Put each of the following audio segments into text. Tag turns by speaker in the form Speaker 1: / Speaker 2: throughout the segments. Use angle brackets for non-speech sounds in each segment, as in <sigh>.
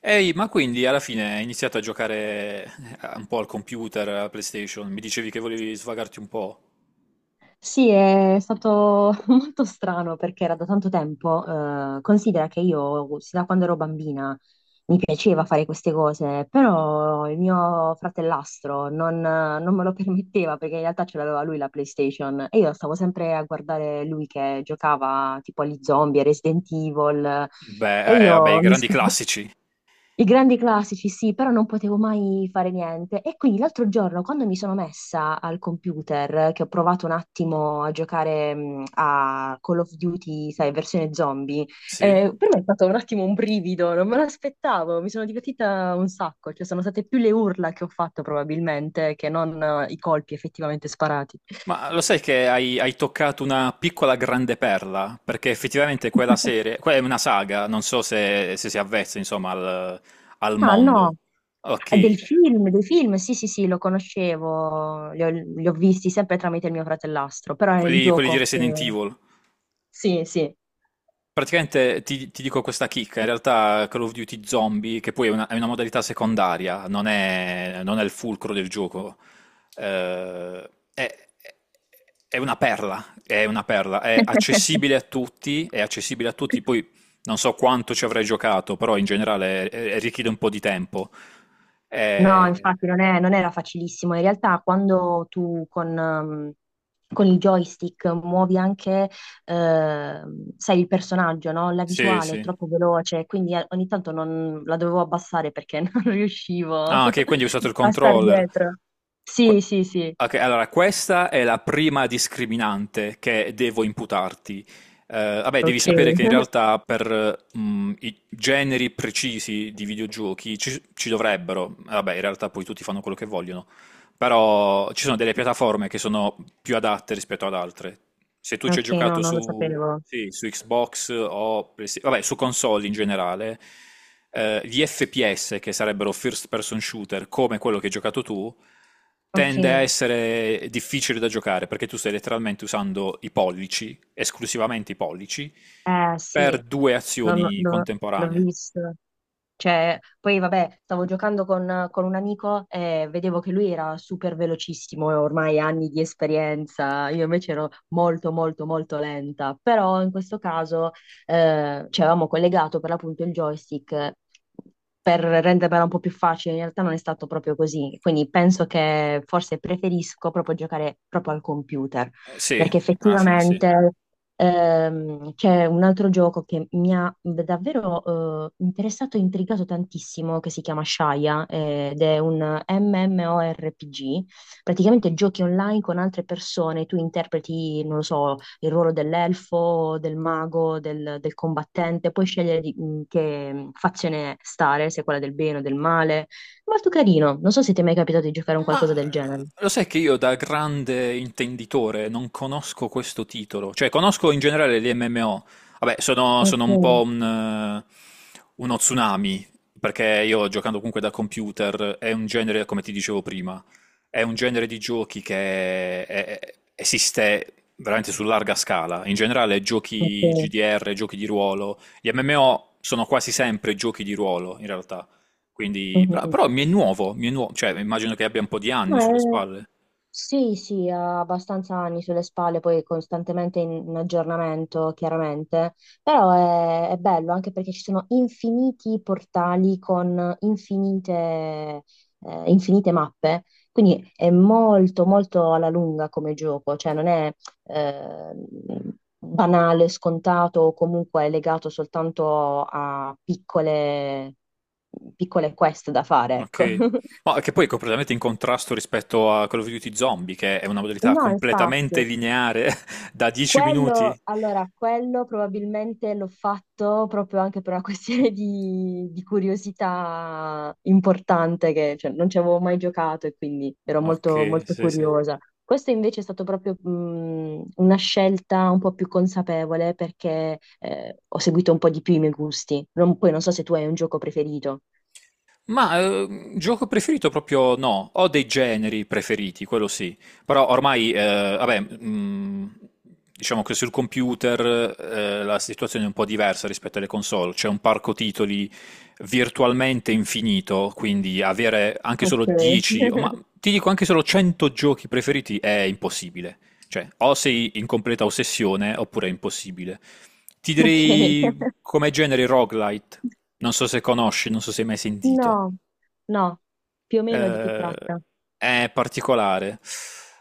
Speaker 1: Ehi, ma quindi alla fine hai iniziato a giocare un po' al computer, alla PlayStation? Mi dicevi che volevi svagarti un po'?
Speaker 2: Sì, è stato <laughs> molto strano perché era da tanto tempo. Considera che io, sin da quando ero bambina, mi piaceva fare queste cose, però il mio fratellastro non me lo <laughs> permetteva perché in realtà ce l'aveva lui la PlayStation e io stavo sempre a guardare lui che giocava tipo agli zombie, a Resident Evil
Speaker 1: Beh,
Speaker 2: e
Speaker 1: vabbè, i
Speaker 2: io mi,
Speaker 1: grandi
Speaker 2: <laughs>
Speaker 1: classici,
Speaker 2: i grandi classici, sì, però non potevo mai fare niente. E quindi l'altro giorno, quando mi sono messa al computer, che ho provato un attimo a giocare a Call of Duty, sai, versione zombie,
Speaker 1: sì?
Speaker 2: per me è stato un attimo un brivido, non me l'aspettavo, mi sono divertita un sacco, cioè sono state più le urla che ho fatto probabilmente che non i colpi effettivamente sparati.
Speaker 1: Ma lo sai che hai toccato una piccola grande perla? Perché effettivamente quella
Speaker 2: <laughs>
Speaker 1: serie, quella è una saga, non so se si avvezza, insomma, al
Speaker 2: Ah,
Speaker 1: mondo.
Speaker 2: no. Del
Speaker 1: Ok,
Speaker 2: film, dei film, sì, sì, sì, lo conoscevo, li ho visti sempre tramite il mio fratellastro, però era il
Speaker 1: quelli di
Speaker 2: gioco.
Speaker 1: Resident Evil.
Speaker 2: Sì, sì.
Speaker 1: Praticamente ti dico questa chicca, in realtà Call of Duty Zombie, che poi è una modalità secondaria, non è il fulcro del gioco, eh, è, è una perla, è una perla, è accessibile a
Speaker 2: <laughs>
Speaker 1: tutti, è accessibile a tutti, poi non so quanto ci avrei giocato, però in generale richiede un po' di tempo.
Speaker 2: No,
Speaker 1: Eh,
Speaker 2: infatti non era facilissimo. In realtà quando tu con, con il joystick muovi anche, sai, il personaggio, no? La
Speaker 1: sì,
Speaker 2: visuale è
Speaker 1: sì.
Speaker 2: troppo veloce, quindi ogni tanto non, la dovevo abbassare perché <laughs> non riuscivo
Speaker 1: Ah, ok, quindi hai usato il
Speaker 2: a star
Speaker 1: controller.
Speaker 2: dietro.
Speaker 1: Que-
Speaker 2: Sì, sì, sì.
Speaker 1: ok, allora questa è la prima discriminante che devo imputarti. Vabbè, devi
Speaker 2: Ok.
Speaker 1: sapere che in
Speaker 2: <laughs>
Speaker 1: realtà per i generi precisi di videogiochi ci dovrebbero, vabbè, in realtà poi tutti fanno quello che vogliono, però ci sono delle piattaforme che sono più adatte rispetto ad altre. Se tu ci hai
Speaker 2: Ok, no,
Speaker 1: giocato
Speaker 2: non lo
Speaker 1: su,
Speaker 2: sapevo.
Speaker 1: sì, su Xbox o vabbè, su console in generale, gli FPS, che sarebbero first person shooter, come quello che hai giocato tu,
Speaker 2: Ok,
Speaker 1: tende a
Speaker 2: eh
Speaker 1: essere difficile da giocare perché tu stai letteralmente usando i pollici, esclusivamente i pollici, per
Speaker 2: sì,
Speaker 1: due
Speaker 2: l'ho
Speaker 1: azioni
Speaker 2: l'ho- l'ho
Speaker 1: contemporanee.
Speaker 2: visto. Cioè, poi vabbè, stavo giocando con un amico e vedevo che lui era super velocissimo e ormai anni di esperienza, io invece ero molto molto molto lenta, però in questo caso ci avevamo collegato per l'appunto il joystick per rendermela un po' più facile, in realtà non è stato proprio così, quindi penso che forse preferisco proprio giocare proprio al computer,
Speaker 1: Sì,
Speaker 2: perché
Speaker 1: alla fine sì.
Speaker 2: effettivamente... c'è un altro gioco che mi ha davvero interessato e intrigato tantissimo, che si chiama Shaya, ed è un MMORPG. Praticamente giochi online con altre persone, tu interpreti, non lo so, il ruolo dell'elfo, del mago, del, del combattente, puoi in che fazione stare, se quella del bene o del male. Molto carino, non so se ti è mai capitato di giocare a un
Speaker 1: Ma
Speaker 2: qualcosa del
Speaker 1: ah,
Speaker 2: genere.
Speaker 1: lo sai che io da grande intenditore non conosco questo titolo, cioè conosco in generale gli MMO, vabbè sono un
Speaker 2: Ok,
Speaker 1: po' uno tsunami, perché io giocando comunque da computer è un genere, come ti dicevo prima, è un genere di giochi che esiste veramente su larga scala, in generale giochi
Speaker 2: ok.
Speaker 1: GDR, giochi di ruolo, gli MMO sono quasi sempre giochi di ruolo in realtà. Quindi, però,
Speaker 2: Mhm.
Speaker 1: però mi è nuovo, cioè immagino che abbia un po' di anni sulle spalle.
Speaker 2: Sì, sì, ha abbastanza anni sulle spalle, poi costantemente in, in aggiornamento, chiaramente, però è bello anche perché ci sono infiniti portali con infinite, infinite mappe, quindi è molto, molto alla lunga come gioco, cioè non è eh, banale, scontato o comunque legato soltanto a piccole, piccole quest da fare, ecco.
Speaker 1: Ok.
Speaker 2: <laughs>
Speaker 1: Ma che poi è completamente in contrasto rispetto a Call of Duty Zombie, che è una modalità
Speaker 2: No,
Speaker 1: completamente
Speaker 2: infatti.
Speaker 1: lineare <laughs> da 10 minuti.
Speaker 2: Quello, allora, quello probabilmente l'ho fatto proprio anche per una <laughs> questione di curiosità importante, che cioè, non ci avevo mai giocato e quindi ero molto,
Speaker 1: Ok,
Speaker 2: molto
Speaker 1: sì, sì.
Speaker 2: curiosa. Questo invece è stato proprio una scelta un po' più consapevole perché ho seguito un po' di più i miei gusti. Poi non so se tu hai un gioco preferito.
Speaker 1: Ma gioco preferito proprio no, ho dei generi preferiti, quello sì, però ormai, vabbè, diciamo che sul computer la situazione è un po' diversa rispetto alle console, c'è un parco titoli virtualmente infinito, quindi avere anche
Speaker 2: Ok.
Speaker 1: solo 10, o ma
Speaker 2: <laughs>
Speaker 1: ti dico anche solo 100 giochi preferiti è impossibile, cioè o sei in completa ossessione oppure è impossibile. Ti
Speaker 2: Ok.
Speaker 1: direi come genere roguelite. Non so se conosci, non so se hai mai sentito.
Speaker 2: No, no, più o meno di che
Speaker 1: Eh,
Speaker 2: tratta?
Speaker 1: è particolare.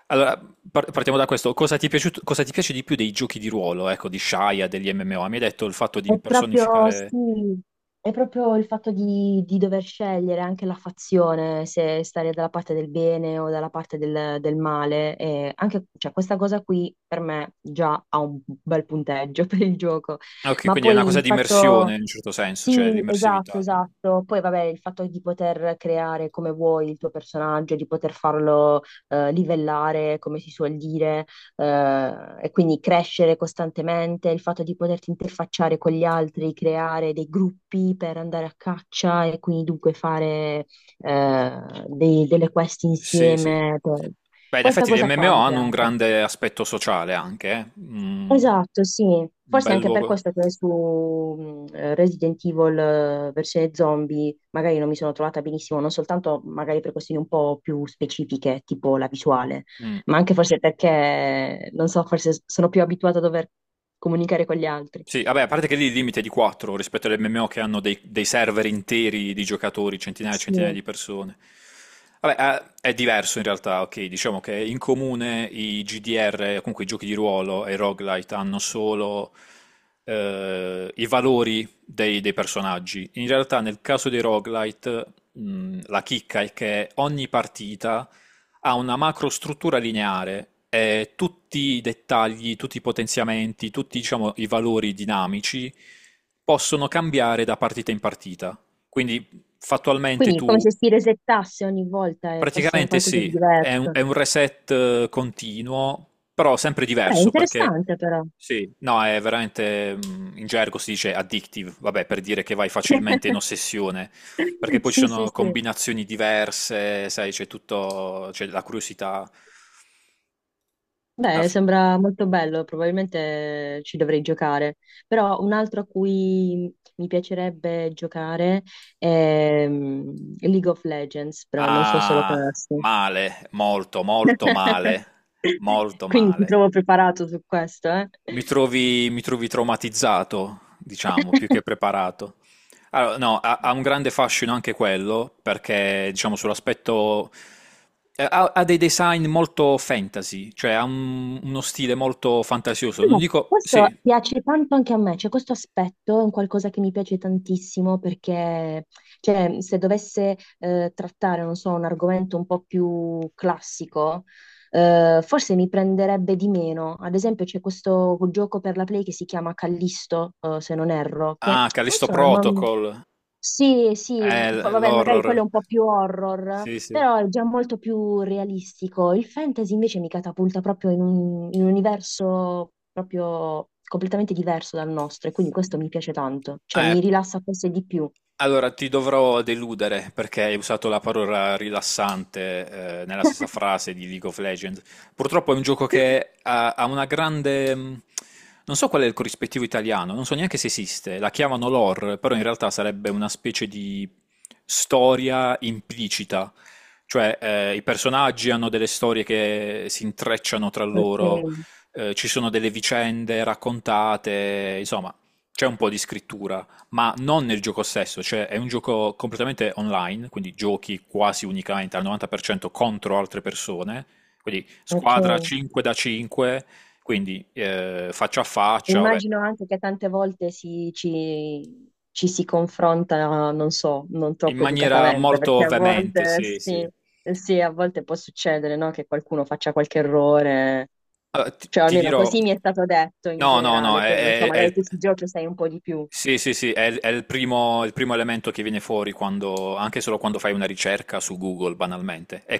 Speaker 1: Allora, partiamo da questo. Cosa ti piace di più dei giochi di ruolo, ecco, di Shaya, degli MMO? Mi hai detto il fatto di
Speaker 2: È proprio,
Speaker 1: impersonificare...
Speaker 2: sì, è proprio il fatto di dover scegliere anche la fazione, se stare dalla parte del bene o dalla parte del, del male. E anche, cioè, questa cosa qui per me già ha un bel punteggio <laughs> per il gioco.
Speaker 1: Ah, ok,
Speaker 2: Ma
Speaker 1: quindi è una
Speaker 2: poi
Speaker 1: cosa
Speaker 2: il
Speaker 1: di
Speaker 2: fatto...
Speaker 1: immersione in un certo senso, cioè
Speaker 2: Sì, esatto,
Speaker 1: l'immersività.
Speaker 2: esatto. Poi vabbè, il fatto di poter creare come vuoi il tuo personaggio, di poter farlo livellare, come si suol dire, e quindi crescere costantemente, il fatto di poterti interfacciare con gli altri, creare dei gruppi per andare a caccia e quindi dunque fare eh, delle quest
Speaker 1: Sì, sì.
Speaker 2: insieme.
Speaker 1: Beh, in
Speaker 2: Questa
Speaker 1: effetti gli
Speaker 2: cosa qua
Speaker 1: MMO
Speaker 2: mi
Speaker 1: hanno un
Speaker 2: piace.
Speaker 1: grande aspetto sociale anche, eh. Mm,
Speaker 2: Esatto, sì.
Speaker 1: un
Speaker 2: Forse è
Speaker 1: bel
Speaker 2: anche per
Speaker 1: luogo.
Speaker 2: questo che su Resident Evil versione zombie magari non mi sono trovata benissimo, non soltanto magari per questioni un po' più specifiche, tipo la visuale,
Speaker 1: Mm.
Speaker 2: ma anche forse perché, non so, forse sono più abituata a dover comunicare con gli altri.
Speaker 1: Sì, vabbè, a parte che lì il limite è di 4 rispetto alle MMO che hanno dei server interi di giocatori, centinaia e centinaia
Speaker 2: Sì.
Speaker 1: di persone. Vabbè, è diverso in realtà, ok, diciamo che in comune i GDR, comunque i giochi di ruolo e i roguelite hanno solo i valori dei personaggi. In realtà nel caso dei roguelite, la chicca è che ogni partita ha una macrostruttura lineare e tutti i dettagli, tutti i potenziamenti, tutti, diciamo, i valori dinamici possono cambiare da partita in partita. Quindi fattualmente
Speaker 2: Quindi come
Speaker 1: tu.
Speaker 2: se si resettasse ogni volta e fosse un
Speaker 1: Praticamente
Speaker 2: qualcosa di
Speaker 1: sì, è un,
Speaker 2: diverso.
Speaker 1: è un reset continuo, però sempre
Speaker 2: Beh,
Speaker 1: diverso perché
Speaker 2: interessante però.
Speaker 1: sì, no, è veramente in gergo si dice addictive, vabbè, per dire che vai facilmente in
Speaker 2: <laughs>
Speaker 1: ossessione, perché poi ci
Speaker 2: Sì, sì,
Speaker 1: sono
Speaker 2: sì.
Speaker 1: combinazioni diverse, sai, c'è tutto, c'è la curiosità alla
Speaker 2: Beh,
Speaker 1: fine.
Speaker 2: sembra molto bello, probabilmente ci dovrei giocare, però un altro a cui mi piacerebbe giocare è League of Legends, però non so se lo
Speaker 1: Ah,
Speaker 2: conosco.
Speaker 1: male, molto, molto
Speaker 2: <laughs>
Speaker 1: male, molto
Speaker 2: Quindi ti
Speaker 1: male.
Speaker 2: trovo preparato su questo, eh?
Speaker 1: Mi trovi traumatizzato, diciamo, più che
Speaker 2: <laughs>
Speaker 1: preparato. Allora, no, ha un grande fascino anche quello, perché diciamo sull'aspetto... Ha dei design molto fantasy, cioè ha uno stile molto fantasioso. Non
Speaker 2: No,
Speaker 1: dico...
Speaker 2: questo
Speaker 1: Sì.
Speaker 2: piace tanto anche a me, cioè questo aspetto è un qualcosa che mi piace tantissimo perché cioè, se dovesse trattare, non so, un argomento un po' più classico, forse mi prenderebbe di meno. Ad esempio c'è questo gioco per la Play che si chiama Callisto, se non erro, che
Speaker 1: Ah,
Speaker 2: non
Speaker 1: Callisto
Speaker 2: so,
Speaker 1: Protocol.
Speaker 2: sì, sì, vabbè, magari
Speaker 1: L'horror.
Speaker 2: quello è un po' più horror,
Speaker 1: Sì, sì.
Speaker 2: però è già molto più realistico. Il fantasy invece mi catapulta proprio in un universo proprio completamente diverso dal nostro e quindi questo mi piace tanto, cioè
Speaker 1: Eh,
Speaker 2: mi rilassa forse di più.
Speaker 1: Allora, ti dovrò deludere perché hai usato la parola rilassante, nella stessa
Speaker 2: <laughs>
Speaker 1: frase di League of Legends. Purtroppo è un gioco che ha una grande... Non so qual è il corrispettivo italiano, non so neanche se esiste. La chiamano lore, però in realtà sarebbe una specie di storia implicita. Cioè, i personaggi hanno delle storie che si intrecciano tra loro,
Speaker 2: Ok,
Speaker 1: ci sono delle vicende raccontate, insomma, c'è un po' di scrittura ma non nel gioco stesso, cioè è un gioco completamente online, quindi giochi quasi unicamente al 90% contro altre persone, quindi
Speaker 2: ok.
Speaker 1: squadra 5 da 5, quindi faccia a faccia, vabbè,
Speaker 2: Immagino anche che tante volte ci, ci si confronta, non so, non
Speaker 1: in
Speaker 2: troppo
Speaker 1: maniera
Speaker 2: educatamente,
Speaker 1: molto
Speaker 2: perché a
Speaker 1: veemente,
Speaker 2: volte
Speaker 1: sì,
Speaker 2: sì,
Speaker 1: sì.
Speaker 2: sì, a volte può succedere, no, che qualcuno faccia qualche errore.
Speaker 1: Allora, ti,
Speaker 2: Cioè,
Speaker 1: ti
Speaker 2: almeno
Speaker 1: dirò,
Speaker 2: così mi è stato detto in
Speaker 1: no, no, no,
Speaker 2: generale. Poi non so,
Speaker 1: è
Speaker 2: magari
Speaker 1: il.
Speaker 2: tu sui giochi sai un po' di più.
Speaker 1: Sì, sì, sì, è il primo, elemento che viene fuori anche solo quando fai una ricerca su Google, banalmente. È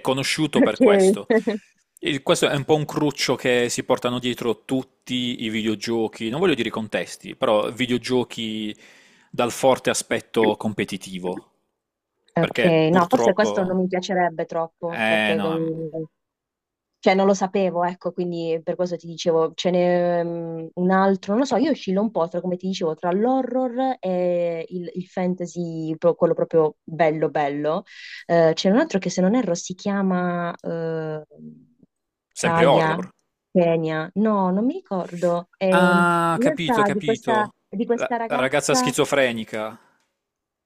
Speaker 2: <laughs>
Speaker 1: conosciuto per questo.
Speaker 2: Ok.
Speaker 1: Questo è un po' un cruccio che si portano dietro tutti i videogiochi, non voglio dire contesti, però videogiochi dal forte aspetto
Speaker 2: <laughs>
Speaker 1: competitivo.
Speaker 2: Ok,
Speaker 1: Perché
Speaker 2: no, forse questo
Speaker 1: purtroppo...
Speaker 2: non mi piacerebbe troppo,
Speaker 1: Eh
Speaker 2: perché
Speaker 1: no,
Speaker 2: cioè non lo sapevo, ecco, quindi per questo ti dicevo, ce n'è un altro, non lo so, io oscillo un po' tra, come ti dicevo, tra l'horror e il fantasy, quello proprio bello bello. C'è un altro che se non erro si chiama
Speaker 1: sempre
Speaker 2: Kaya,
Speaker 1: horror?
Speaker 2: Kenya, no, non mi ricordo.
Speaker 1: Ah,
Speaker 2: In
Speaker 1: capito,
Speaker 2: realtà
Speaker 1: capito.
Speaker 2: di
Speaker 1: La,
Speaker 2: questa
Speaker 1: la ragazza
Speaker 2: ragazza
Speaker 1: schizofrenica.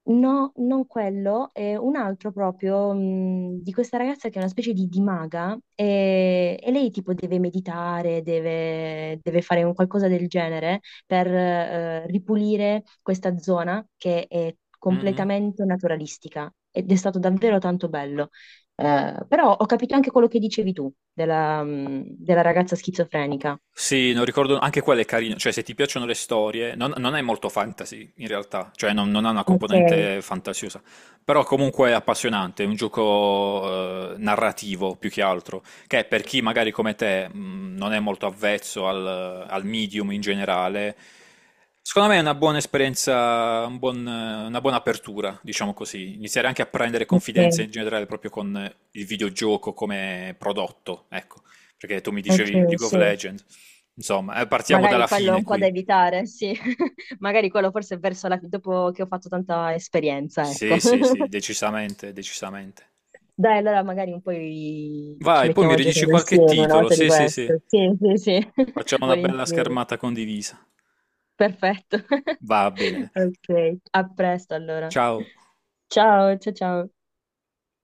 Speaker 2: no, non quello, è un altro proprio di questa ragazza che è una specie di maga e lei tipo deve meditare, deve, deve fare un qualcosa del genere per ripulire questa zona che è
Speaker 1: Mm, mm.
Speaker 2: completamente naturalistica ed è stato davvero tanto bello. Però ho capito anche quello che dicevi tu della, della ragazza schizofrenica.
Speaker 1: Sì, non ricordo, anche quella è carina, cioè se ti piacciono le storie, non è molto fantasy in realtà, cioè non ha una
Speaker 2: Ok,
Speaker 1: componente fantasiosa, però comunque è appassionante, è un gioco narrativo più che altro, che per chi magari come te non è molto avvezzo al medium in generale, secondo me è una buona esperienza, una buona apertura, diciamo così, iniziare anche a prendere confidenza
Speaker 2: ok,
Speaker 1: in generale proprio con il videogioco come prodotto, ecco, perché tu mi dicevi
Speaker 2: ok,
Speaker 1: League of
Speaker 2: sì.
Speaker 1: Legends. Insomma, partiamo
Speaker 2: Magari
Speaker 1: dalla
Speaker 2: quello è
Speaker 1: fine
Speaker 2: un po' da
Speaker 1: qui.
Speaker 2: evitare, sì. <laughs> Magari quello forse è verso la... dopo che ho fatto tanta esperienza,
Speaker 1: Sì,
Speaker 2: ecco.
Speaker 1: sì, sì,
Speaker 2: <laughs>
Speaker 1: decisamente, decisamente.
Speaker 2: Dai, allora magari un po' ci
Speaker 1: Vai, poi mi
Speaker 2: mettiamo a
Speaker 1: ridici
Speaker 2: giocare
Speaker 1: qualche
Speaker 2: insieme una
Speaker 1: titolo.
Speaker 2: volta di
Speaker 1: Sì, sì, sì.
Speaker 2: questo. Sì, sì, sì, <laughs>
Speaker 1: Facciamo una bella
Speaker 2: volentieri.
Speaker 1: schermata condivisa.
Speaker 2: Perfetto. <laughs>
Speaker 1: Va bene.
Speaker 2: Ok, a presto allora.
Speaker 1: Ciao.
Speaker 2: Ciao, ciao, ciao.